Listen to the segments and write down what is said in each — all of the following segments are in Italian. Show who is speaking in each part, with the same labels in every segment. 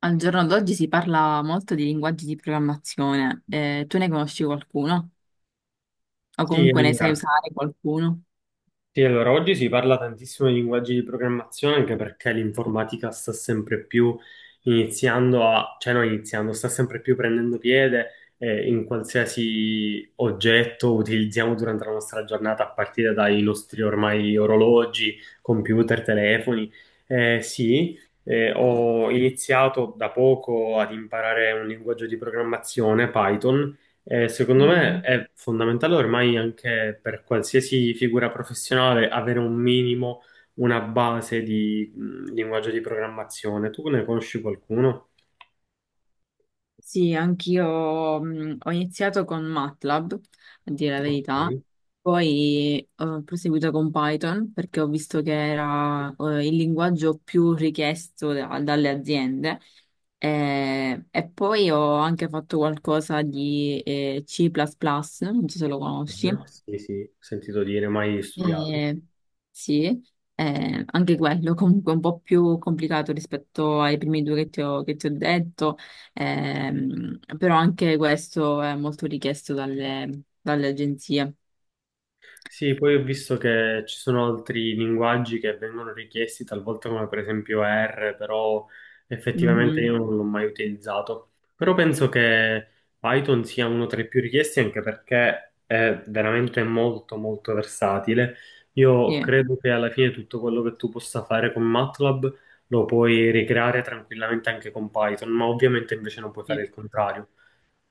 Speaker 1: Al giorno d'oggi si parla molto di linguaggi di programmazione. Tu ne conosci qualcuno? O
Speaker 2: Sì,
Speaker 1: comunque ne sai
Speaker 2: allora,
Speaker 1: usare qualcuno?
Speaker 2: oggi si parla tantissimo di linguaggi di programmazione anche perché l'informatica sta sempre più iniziando a, cioè non iniziando, sta sempre più prendendo piede in qualsiasi oggetto utilizziamo durante la nostra giornata, a partire dai nostri ormai orologi, computer, telefoni. Sì, ho iniziato da poco ad imparare un linguaggio di programmazione, Python. Eh, secondo me
Speaker 1: Mm.
Speaker 2: è fondamentale ormai anche per qualsiasi figura professionale avere un minimo, una base di linguaggio di programmazione. Tu ne conosci qualcuno?
Speaker 1: Sì, anch'io ho iniziato con MATLAB, a dire la verità,
Speaker 2: Ok.
Speaker 1: poi ho proseguito con Python perché ho visto che era il linguaggio più richiesto dalle aziende. E poi ho anche fatto qualcosa di C++, non so se lo conosci.
Speaker 2: Mhm. Sì, sì, ho sentito dire, mai studiato.
Speaker 1: Eh, sì, anche quello comunque un po' più complicato rispetto ai primi due che che ti ho detto, però anche questo è molto richiesto dalle agenzie.
Speaker 2: Sì, poi ho visto che ci sono altri linguaggi che vengono richiesti talvolta come per esempio R, però effettivamente
Speaker 1: Mhm.
Speaker 2: io non l'ho mai utilizzato. Però penso che Python sia uno tra i più richiesti anche perché è veramente molto molto versatile. Io
Speaker 1: Sì,
Speaker 2: credo che alla fine tutto quello che tu possa fare con MATLAB lo puoi ricreare tranquillamente anche con Python, ma ovviamente invece non puoi fare
Speaker 1: sì,
Speaker 2: il contrario.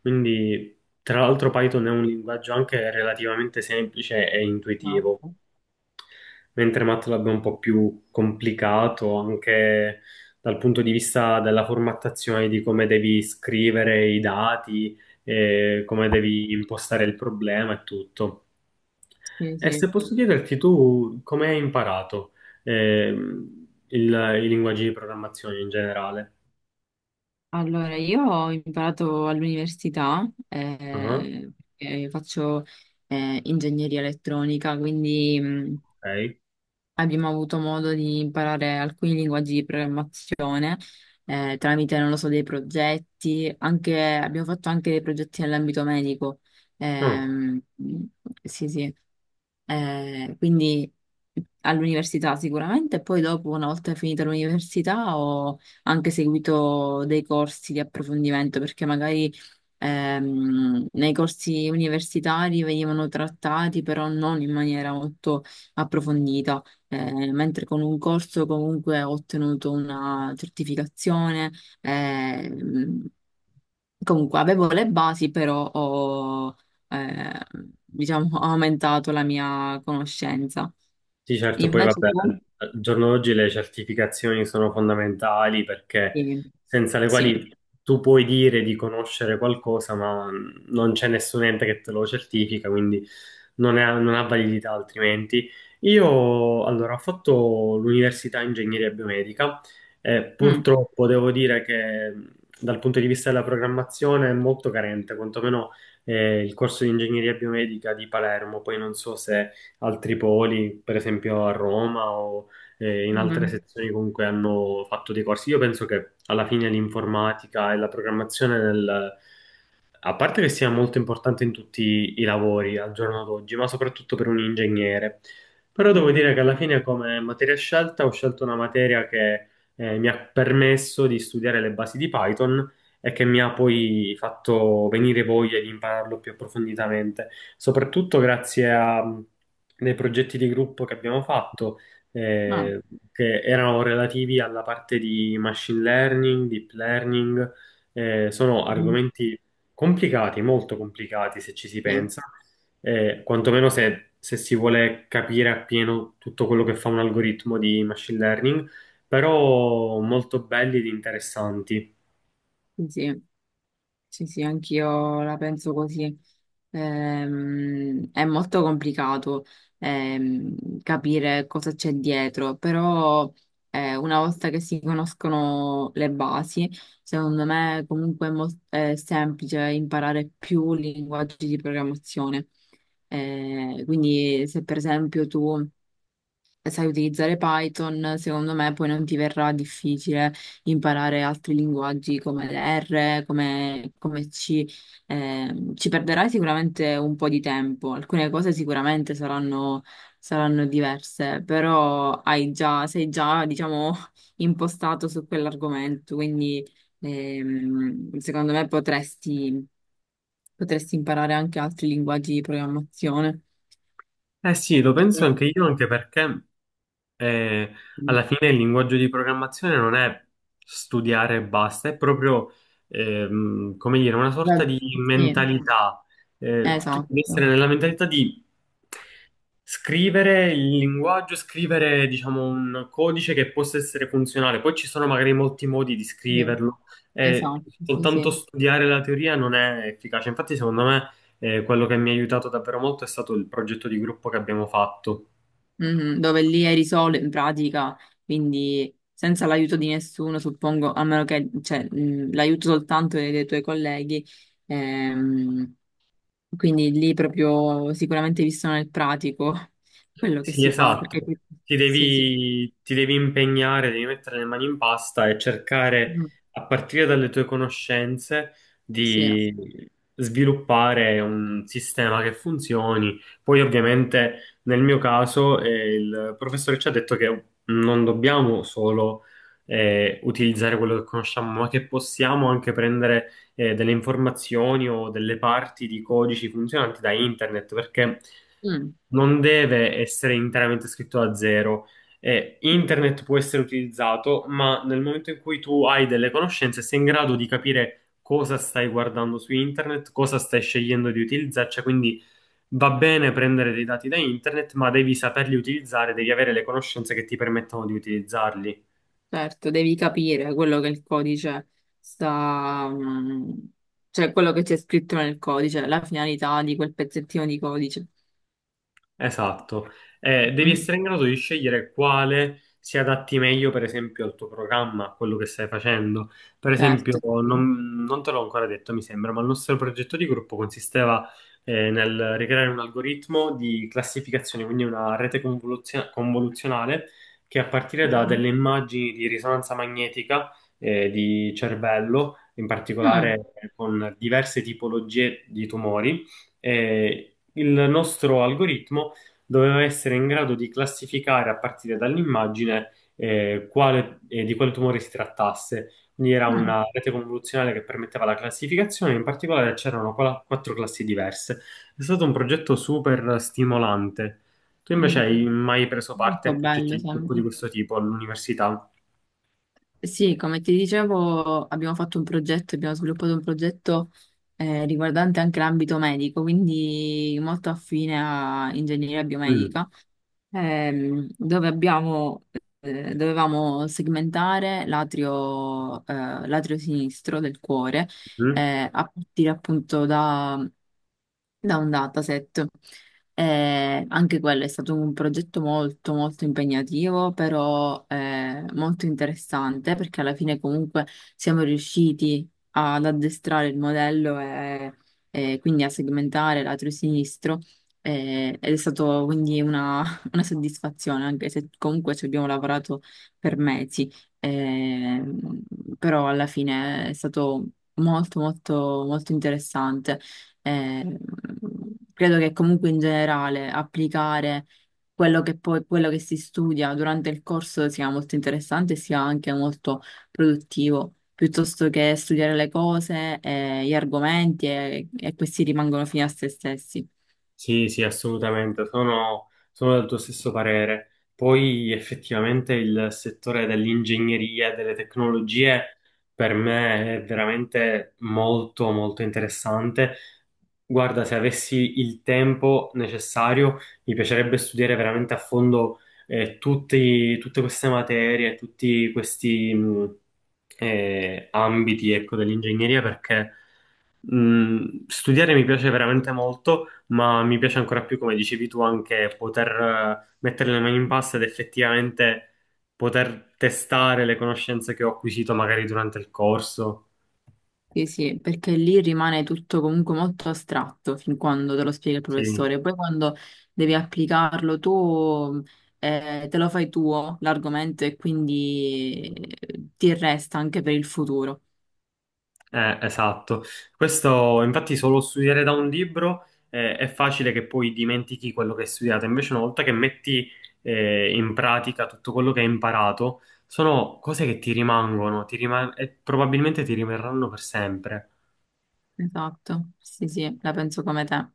Speaker 2: Quindi, tra l'altro, Python è un linguaggio anche relativamente semplice e intuitivo,
Speaker 1: esatto.
Speaker 2: mentre MATLAB è un po' più complicato anche dal punto di vista della formattazione di come devi scrivere i dati, come devi impostare il problema e tutto.
Speaker 1: Sì,
Speaker 2: E se
Speaker 1: sì.
Speaker 2: posso chiederti tu come hai imparato ehm, il- i linguaggi di programmazione in generale?
Speaker 1: Allora, io ho imparato all'università,
Speaker 2: Ah,
Speaker 1: perché faccio ingegneria elettronica, quindi
Speaker 2: ok.
Speaker 1: abbiamo avuto modo di imparare alcuni linguaggi di programmazione tramite, non lo so, dei progetti, abbiamo fatto anche dei progetti nell'ambito medico.
Speaker 2: Ah.
Speaker 1: Ehm, sì, sì. Quindi all'università sicuramente, e poi dopo, una volta finita l'università, ho anche seguito dei corsi di approfondimento, perché magari nei corsi universitari venivano trattati, però non in maniera molto approfondita, mentre con un corso comunque ho ottenuto una certificazione. ehm, Comunque avevo le basi, però eh, ho aumentato la mia conoscenza.
Speaker 2: Sì, certo, poi
Speaker 1: Invece
Speaker 2: vabbè,
Speaker 1: tu?
Speaker 2: al giorno d'oggi le certificazioni sono fondamentali perché
Speaker 1: Sì,
Speaker 2: senza le
Speaker 1: sì.
Speaker 2: quali tu puoi dire di conoscere qualcosa, ma non c'è nessun ente che te lo certifica, quindi non ha validità altrimenti. Io allora ho fatto l'università ingegneria biomedica e
Speaker 1: Mm,
Speaker 2: purtroppo devo dire che dal punto di vista della programmazione è molto carente, quantomeno il corso di ingegneria biomedica di Palermo, poi non so se altri poli, per esempio a Roma o in altre
Speaker 1: mm,
Speaker 2: sezioni comunque hanno fatto dei corsi. Io penso che alla fine l'informatica e la programmazione nel, a parte che sia molto importante in tutti i lavori al giorno d'oggi, ma soprattutto per un ingegnere. Però devo
Speaker 1: mm,
Speaker 2: dire
Speaker 1: mm.
Speaker 2: che alla fine come materia scelta ho scelto una materia che mi ha permesso di studiare le basi di Python e che mi ha poi fatto venire voglia di impararlo più approfonditamente, soprattutto grazie a dei progetti di gruppo che abbiamo fatto,
Speaker 1: Ah,
Speaker 2: eh, che erano relativi alla parte di machine learning, deep learning. Sono
Speaker 1: mm,
Speaker 2: argomenti complicati, molto complicati se ci si
Speaker 1: sì,
Speaker 2: pensa, quantomeno se si vuole capire appieno tutto quello che fa un algoritmo di machine learning, però molto belli ed interessanti.
Speaker 1: sì. Sì. Sì, sì, anch'io la penso così. È molto complicato capire cosa c'è dietro, però una volta che si conoscono le basi, secondo me comunque è semplice imparare più linguaggi di programmazione. Quindi se per esempio tu sai utilizzare Python, secondo me poi non ti verrà difficile imparare altri linguaggi come R, come C. Ci perderai sicuramente un po' di tempo, alcune cose sicuramente saranno diverse, però, sei già, diciamo, impostato su quell'argomento, quindi secondo me potresti imparare anche altri linguaggi di programmazione.
Speaker 2: Eh sì, lo penso
Speaker 1: Eh,
Speaker 2: anche io, anche perché eh, alla fine il linguaggio di programmazione non è studiare e basta, è proprio, come dire, una sorta di
Speaker 1: sì.
Speaker 2: mentalità. Tu
Speaker 1: Esatto,
Speaker 2: devi essere nella mentalità di scrivere il linguaggio, scrivere, diciamo, un codice che possa essere funzionale. Poi ci sono magari molti modi di
Speaker 1: sì,
Speaker 2: scriverlo, e
Speaker 1: esatto, sì,
Speaker 2: soltanto
Speaker 1: sì.
Speaker 2: studiare la teoria non è efficace. Infatti, secondo me. Quello che mi ha aiutato davvero molto è stato il progetto di gruppo che abbiamo fatto.
Speaker 1: Mhm. Dove lì eri solo in pratica, quindi senza l'aiuto di nessuno, suppongo, a meno che, cioè, l'aiuto soltanto dei tuoi colleghi, ehm, quindi lì proprio sicuramente visto nel pratico quello che
Speaker 2: Sì,
Speaker 1: si fa,
Speaker 2: esatto.
Speaker 1: Sì, sì.
Speaker 2: Ti devi impegnare, devi mettere le mani in pasta e cercare,
Speaker 1: Mm,
Speaker 2: a partire dalle tue conoscenze,
Speaker 1: sì.
Speaker 2: di sviluppare un sistema che funzioni. Poi, ovviamente, nel mio caso, il professore ci ha detto che non dobbiamo solo utilizzare quello che conosciamo, ma che possiamo anche prendere delle informazioni o delle parti di codici funzionanti da internet, perché non deve essere interamente scritto da zero. E
Speaker 1: Mm.
Speaker 2: internet può essere utilizzato, ma nel momento in cui tu hai delle conoscenze, sei in grado di capire cosa stai guardando su internet, cosa stai scegliendo di utilizzare, cioè quindi va bene prendere dei dati da internet, ma devi saperli utilizzare, devi avere le conoscenze che ti permettono di utilizzarli.
Speaker 1: Certo, devi capire quello che il codice sta, mm, cioè quello che c'è scritto nel codice, la finalità di quel pezzettino di codice.
Speaker 2: Esatto. Devi
Speaker 1: Mm,
Speaker 2: essere in grado di scegliere quale si adatti meglio, per esempio, al tuo programma, a quello che stai facendo. Per esempio,
Speaker 1: certo. Sì.
Speaker 2: non te l'ho ancora detto, mi sembra, ma il nostro progetto di gruppo consisteva, nel ricreare un algoritmo di classificazione, quindi una rete convoluzionale che a partire da delle immagini di risonanza magnetica, di cervello, in
Speaker 1: Mm,
Speaker 2: particolare con diverse tipologie di tumori, eh, il nostro algoritmo doveva essere in grado di classificare a partire dall'immagine di quale tumore si trattasse. Quindi era
Speaker 1: mm,
Speaker 2: una rete convoluzionale che permetteva la classificazione, in particolare c'erano quattro classi diverse. È stato un progetto super stimolante. Tu invece
Speaker 1: mm.
Speaker 2: hai mai preso parte
Speaker 1: Molto
Speaker 2: a progetti
Speaker 1: bello,
Speaker 2: di gruppo
Speaker 1: sembra.
Speaker 2: di questo tipo all'università?
Speaker 1: Sì, come ti dicevo, abbiamo fatto un progetto, abbiamo sviluppato un progetto riguardante anche l'ambito medico, quindi molto affine a ingegneria
Speaker 2: Mm.
Speaker 1: biomedica. Dove dovevamo segmentare l'atrio sinistro del cuore,
Speaker 2: Mm.
Speaker 1: a partire appunto da un dataset. Anche quello è stato un progetto molto molto impegnativo, però molto interessante perché alla fine comunque siamo riusciti ad addestrare il modello e quindi a segmentare lato sinistro ed è stato quindi una soddisfazione, anche se comunque ci abbiamo lavorato per mesi, eh, però alla fine è stato molto molto molto interessante. Eh, Credo che comunque in generale applicare quello che si studia durante il corso sia molto interessante e sia anche molto produttivo, piuttosto che studiare le cose, gli argomenti e questi rimangono fini a se stessi.
Speaker 2: Sì, sì, assolutamente, sono del tuo stesso parere. Poi effettivamente il settore dell'ingegneria e delle tecnologie per me è veramente molto, molto interessante. Guarda, se avessi il tempo necessario, mi piacerebbe studiare veramente a fondo tutte queste materie, tutti questi ambiti, ecco, dell'ingegneria perché... Mm, studiare mi piace veramente molto, ma mi piace ancora più, come dicevi tu, anche poter mettere le mani in pasta ed effettivamente poter testare le conoscenze che ho acquisito magari durante il corso.
Speaker 1: Sì, sì, perché lì rimane tutto comunque molto astratto fin quando te lo spiega il
Speaker 2: Sì,
Speaker 1: professore. Poi quando devi applicarlo tu, te lo fai tuo l'argomento e quindi ti resta anche per il futuro.
Speaker 2: esatto. Questo, infatti, solo studiare da un libro è facile che poi dimentichi quello che hai studiato. Invece, una volta che metti in pratica tutto quello che hai imparato, sono cose che ti rimangono, e probabilmente ti rimarranno per sempre.
Speaker 1: Esatto, sì, sì, la penso come te.